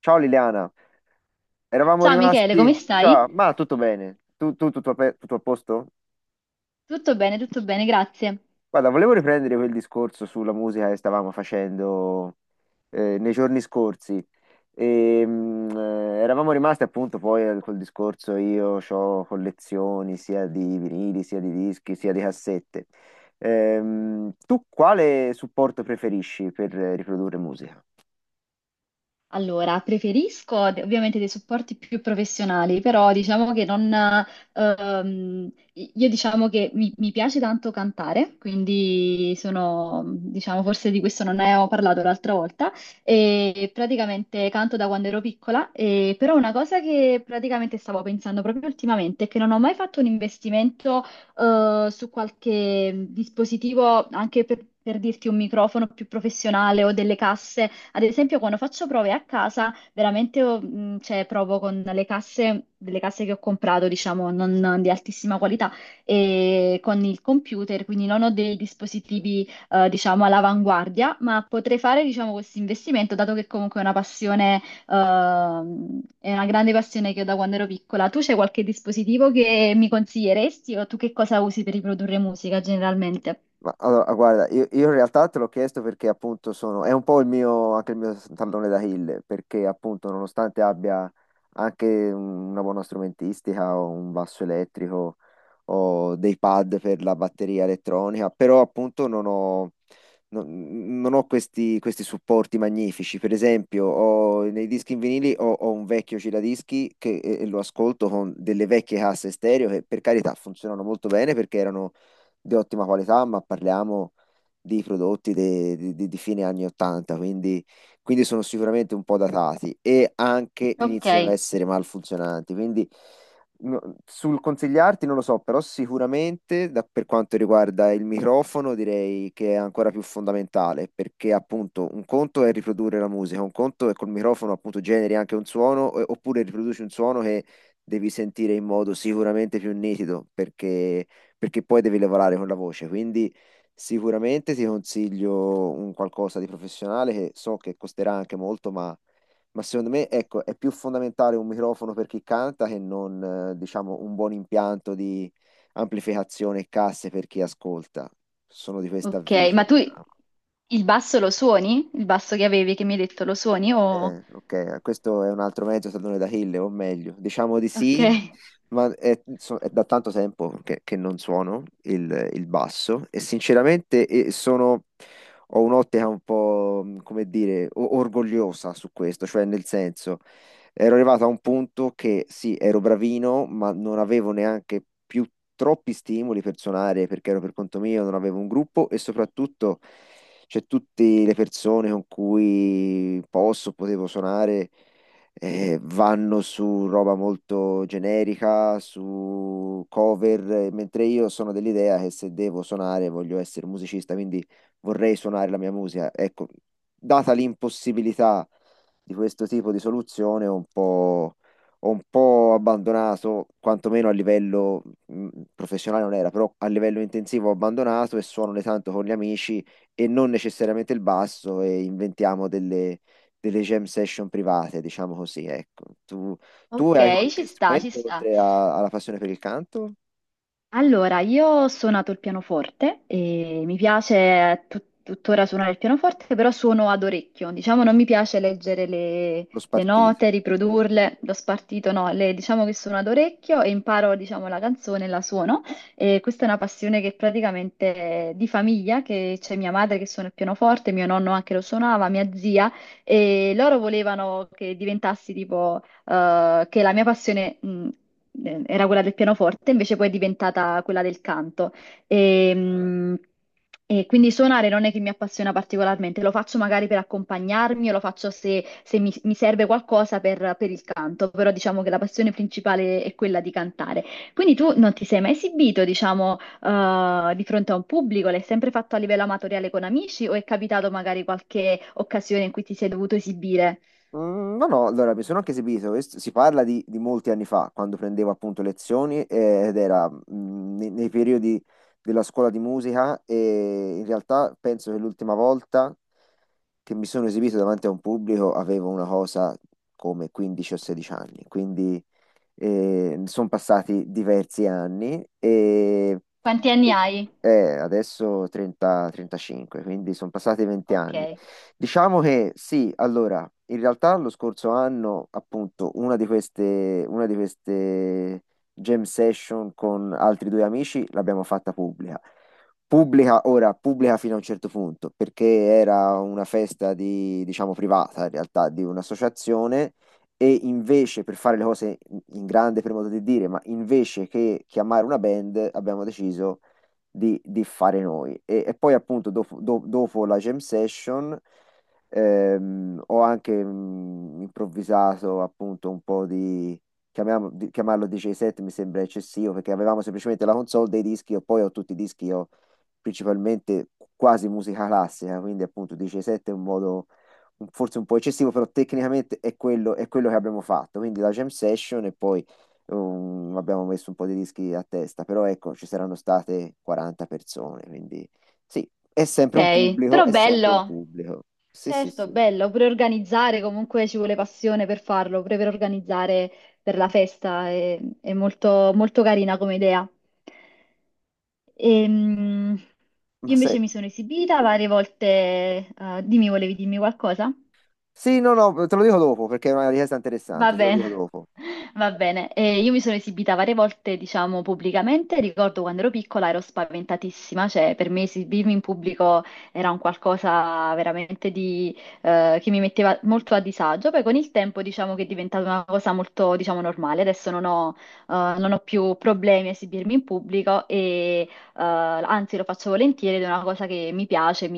Ciao Liliana, eravamo Ciao Michele, come rimasti. stai? Ciao, ma tutto bene? Tutto, tutto a posto? Tutto bene, grazie. Guarda, volevo riprendere quel discorso sulla musica che stavamo facendo nei giorni scorsi. Eravamo rimasti appunto poi a quel discorso, io ho collezioni sia di vinili, sia di dischi, sia di cassette. Tu quale supporto preferisci per riprodurre musica? Allora, preferisco ovviamente dei supporti più professionali, però diciamo che non... io diciamo che mi piace tanto cantare, quindi sono, diciamo, forse di questo non ne ho parlato l'altra volta, e praticamente canto da quando ero piccola, e, però una cosa che praticamente stavo pensando proprio ultimamente è che non ho mai fatto un investimento su qualche dispositivo, anche per... Per dirti un microfono più professionale o delle casse ad esempio, quando faccio prove a casa, veramente cioè, provo con le casse, delle casse che ho comprato, diciamo, non di altissima qualità, e con il computer, quindi non ho dei dispositivi, diciamo, all'avanguardia, ma potrei fare, diciamo, questo investimento, dato che comunque è una passione, è una grande passione che ho da quando ero piccola. Tu c'è qualche dispositivo che mi consiglieresti o tu che cosa usi per riprodurre musica generalmente? Ma allora, guarda, io in realtà te l'ho chiesto perché appunto sono, è un po' il mio, anche il mio tallone d'Achille, perché appunto nonostante abbia anche una buona strumentistica, ho un basso elettrico, ho dei pad per la batteria elettronica, però appunto non ho questi supporti magnifici. Per esempio, nei dischi in vinili ho un vecchio giradischi che lo ascolto con delle vecchie casse stereo che per carità funzionano molto bene perché erano di ottima qualità, ma parliamo di prodotti di fine anni 80, quindi sono sicuramente un po' datati e anche Ok. iniziano a essere malfunzionanti. Quindi sul consigliarti non lo so, però sicuramente per quanto riguarda il microfono direi che è ancora più fondamentale perché appunto un conto è riprodurre la musica, un conto è col microfono appunto generi anche un suono oppure riproduci un suono che devi sentire in modo sicuramente più nitido perché poi devi lavorare con la voce, quindi sicuramente ti consiglio un qualcosa di professionale che so che costerà anche molto, ma secondo me, ecco, è più fondamentale un microfono per chi canta che non, diciamo, un buon impianto di amplificazione e casse per chi ascolta. Sono di questo Ok, avviso, ma tu diciamo. il basso lo suoni? Il basso che avevi, che mi hai detto, lo suoni? O... Ok, questo è un altro mezzo tallone d'Achille, o meglio, diciamo di Ok, sì, ma è, è da tanto tempo che non suono il basso e sinceramente ho un'ottica un po', come dire, orgogliosa su questo, cioè nel senso, ero arrivato a un punto che sì, ero bravino, ma non avevo neanche più troppi stimoli per suonare perché ero per conto mio, non avevo un gruppo e soprattutto cioè tutte le persone con cui potevo suonare vanno su roba molto generica, su cover, mentre io sono dell'idea che se devo suonare voglio essere musicista, quindi vorrei suonare la mia musica. Ecco, data l'impossibilità di questo tipo di soluzione, ho un po' abbandonato, quantomeno a livello professionale non era, però a livello intensivo ho abbandonato e suono ogni tanto con gli amici e non necessariamente il basso e inventiamo delle jam session private, diciamo così, ecco. Tu hai ok, ci qualche sta, ci strumento sta. oltre alla passione per il canto? Allora, io ho suonato il pianoforte e mi piace tuttora suonare il pianoforte, però suono ad orecchio. Diciamo, non mi piace leggere le, Lo le spartito. note, Mm. riprodurle, l'ho spartito, no, diciamo che suono ad orecchio e imparo, diciamo, la canzone e la suono. E questa è una passione che praticamente è di famiglia, che c'è mia madre che suona il pianoforte, mio nonno anche lo suonava, mia zia, e loro volevano che diventassi tipo che la mia passione, era quella del pianoforte, invece poi è diventata quella del canto. E, mh, e quindi suonare non è che mi appassiona particolarmente, lo faccio magari per accompagnarmi o lo faccio se, mi serve qualcosa per il canto, però diciamo che la passione principale è quella di cantare. Quindi tu non ti sei mai esibito, diciamo, di fronte a un pubblico? L'hai sempre fatto a livello amatoriale con amici o è capitato magari qualche occasione in cui ti sei dovuto esibire? Mm, no, allora mi sono anche esibito, si parla di molti anni fa, quando prendevo appunto lezioni ed era nei, nei periodi della scuola di musica e in realtà penso che l'ultima volta che mi sono esibito davanti a un pubblico avevo una cosa come 15 o 16 anni, quindi sono passati diversi anni e, Quanti anni e- hai? Adesso 30, 35, quindi sono passati 20 Ok. anni. Diciamo che sì, allora, in realtà lo scorso anno, appunto, una di queste jam session con altri due amici l'abbiamo fatta pubblica. Pubblica, ora, pubblica fino a un certo punto, perché era una festa di, diciamo, privata, in realtà, di un'associazione e invece, per fare le cose in grande, per modo di dire, ma invece che chiamare una band, abbiamo deciso di fare noi. E poi appunto dopo, dopo la jam session ho anche improvvisato appunto un po' di, chiamarlo DJ set mi sembra eccessivo perché avevamo semplicemente la console dei dischi e poi ho tutti i dischi, ho principalmente quasi musica classica, quindi appunto DJ set è un modo forse un po' eccessivo, però tecnicamente è quello che abbiamo fatto, quindi la jam session e poi abbiamo messo un po' di rischi a testa, però ecco, ci saranno state 40 persone, quindi sì, è sempre un Ok, pubblico, però è sempre un bello, pubblico. Sì, sì, certo, sì. bello, pure organizzare, comunque ci vuole passione per farlo, pure per organizzare per la festa, è molto, molto carina come idea. Ehm, io Ma invece sai, mi sono esibita varie volte, dimmi, volevi dirmi qualcosa? sì, no, no, te lo dico dopo, perché è una richiesta Va interessante, te lo dico bene, dopo. va bene. Io mi sono esibita varie volte, diciamo, pubblicamente. Ricordo quando ero piccola ero spaventatissima, cioè per me esibirmi in pubblico era un qualcosa veramente di, che mi metteva molto a disagio. Poi con il tempo diciamo che è diventata una cosa molto, diciamo, normale. Adesso non ho, non ho più problemi a esibirmi in pubblico e anzi lo faccio volentieri ed è una cosa che mi piace,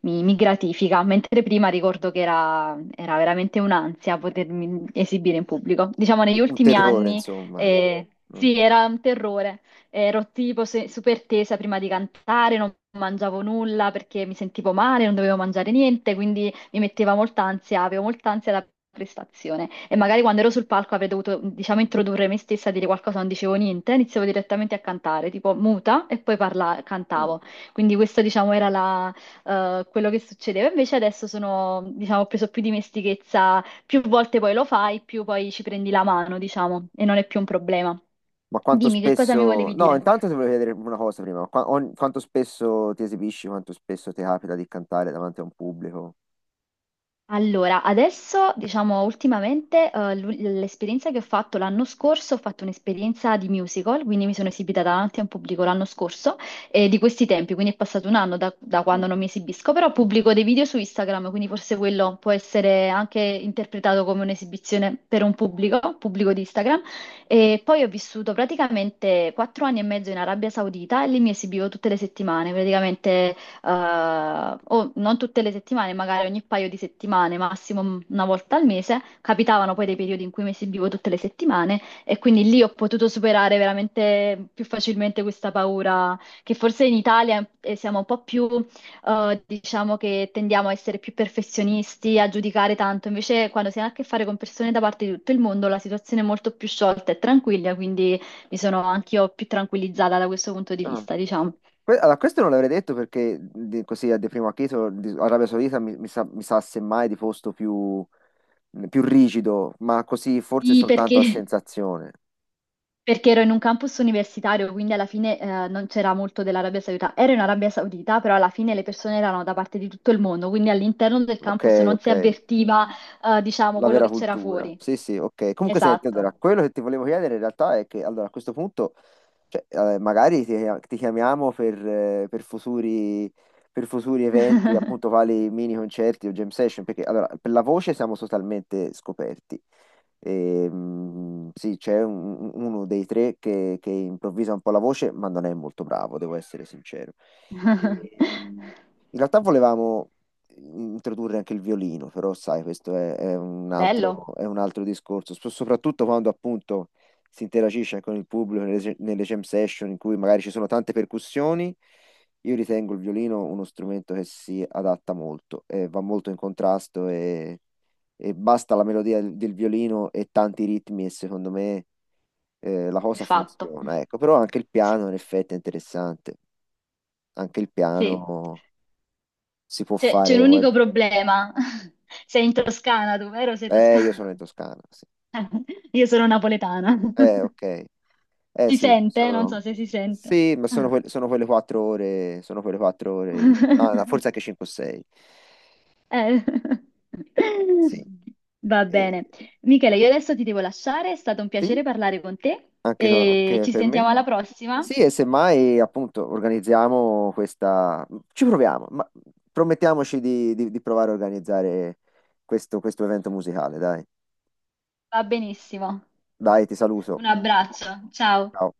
mi gratifica, mentre prima ricordo che era, era veramente un'ansia potermi esibire in pubblico. Diciamo negli Un ultimi terrore, anni insomma, eh. eh, Mm. sì, era un terrore, ero tipo super tesa prima di cantare, non mangiavo nulla perché mi sentivo male, non dovevo mangiare niente, quindi mi metteva molta ansia, avevo molta ansia da prestazione e magari quando ero sul palco avrei dovuto, diciamo, introdurre me stessa, dire qualcosa, non dicevo niente, iniziavo direttamente a cantare, tipo muta e poi Mm. cantavo. Quindi questa, diciamo, era la quello che succedeva. Invece adesso sono, diciamo, ho preso più dimestichezza, più volte poi lo fai, più poi ci prendi la mano, diciamo, e non è più un problema. Ma quanto Dimmi che cosa mi spesso... volevi No, dire. intanto ti volevo chiedere una cosa prima. Quanto spesso ti esibisci, quanto spesso ti capita di cantare davanti a un pubblico? Allora, adesso, diciamo, ultimamente, l'esperienza che ho fatto l'anno scorso, ho fatto un'esperienza di musical, quindi mi sono esibita davanti a un pubblico l'anno scorso, di questi tempi, quindi è passato un anno da, da Mm. quando non mi esibisco, però pubblico dei video su Instagram, quindi forse quello può essere anche interpretato come un'esibizione per un pubblico, pubblico di Instagram. E poi ho vissuto praticamente quattro anni e mezzo in Arabia Saudita e lì mi esibivo tutte le settimane, praticamente o non tutte le settimane, magari ogni paio di settimane, massimo una volta al mese, capitavano poi dei periodi in cui mi esibivo tutte le settimane e quindi lì ho potuto superare veramente più facilmente questa paura che forse in Italia siamo un po' più, diciamo che tendiamo a essere più perfezionisti, a giudicare tanto, invece quando si ha a che fare con persone da parte di tutto il mondo la situazione è molto più sciolta e tranquilla, quindi mi sono anch'io più tranquillizzata da questo punto di Ah. vista, diciamo. Allora, questo non l'avrei detto perché così a di primo acchito Arabia Saudita mi sa semmai di posto più rigido, ma così forse Sì, soltanto a perché sensazione. Perché ero in un campus universitario, quindi alla fine non c'era molto dell'Arabia Saudita. Ero in Arabia Saudita, però alla fine le persone erano da parte di tutto il mondo, quindi all'interno del Ok, campus non ok. si avvertiva, diciamo, La quello vera che c'era cultura. fuori. Sì, sì, ok. Comunque senti, Esatto. allora, quello che ti volevo chiedere in realtà è che allora, a questo punto, cioè, ti chiamiamo per, per futuri eventi, appunto, quali mini concerti o jam session, perché allora, per la voce siamo totalmente scoperti. E, mm, sì, uno dei tre che improvvisa un po' la voce, ma non è molto bravo, devo essere sincero. E, mm, in realtà volevamo introdurre anche il violino, però sai, questo è, Bello, è un altro discorso. Soprattutto quando appunto si interagisce anche con il pubblico nelle jam session in cui magari ci sono tante percussioni, io ritengo il violino uno strumento che si adatta molto, va molto in contrasto e basta la melodia del violino e tanti ritmi e secondo me la è cosa fatto. funziona, ecco, però anche il Sì. piano in effetti è interessante, anche il Sì. piano si può C'è un fare... unico problema. Sei in Toscana, tu, vero? Sei io sono toscano? in Toscana, sì. Io sono napoletana. Ok. Eh Si sì, sente? Non sono... so se si sente. Sì, ma sono, sono quelle quattro ore, sono quelle quattro ore, ah, no, forse anche 5 o 6. Eh. Sì, Va eh, bene. Michele, io adesso ti devo lasciare, è stato un sì, piacere parlare con te anche, e anche ci per me. sentiamo alla prossima. Sì, e semmai appunto organizziamo questa... Ci proviamo, ma promettiamoci di, di provare a organizzare questo evento musicale, dai. Va benissimo. Dai, ti saluto. Un abbraccio, ciao. Ciao.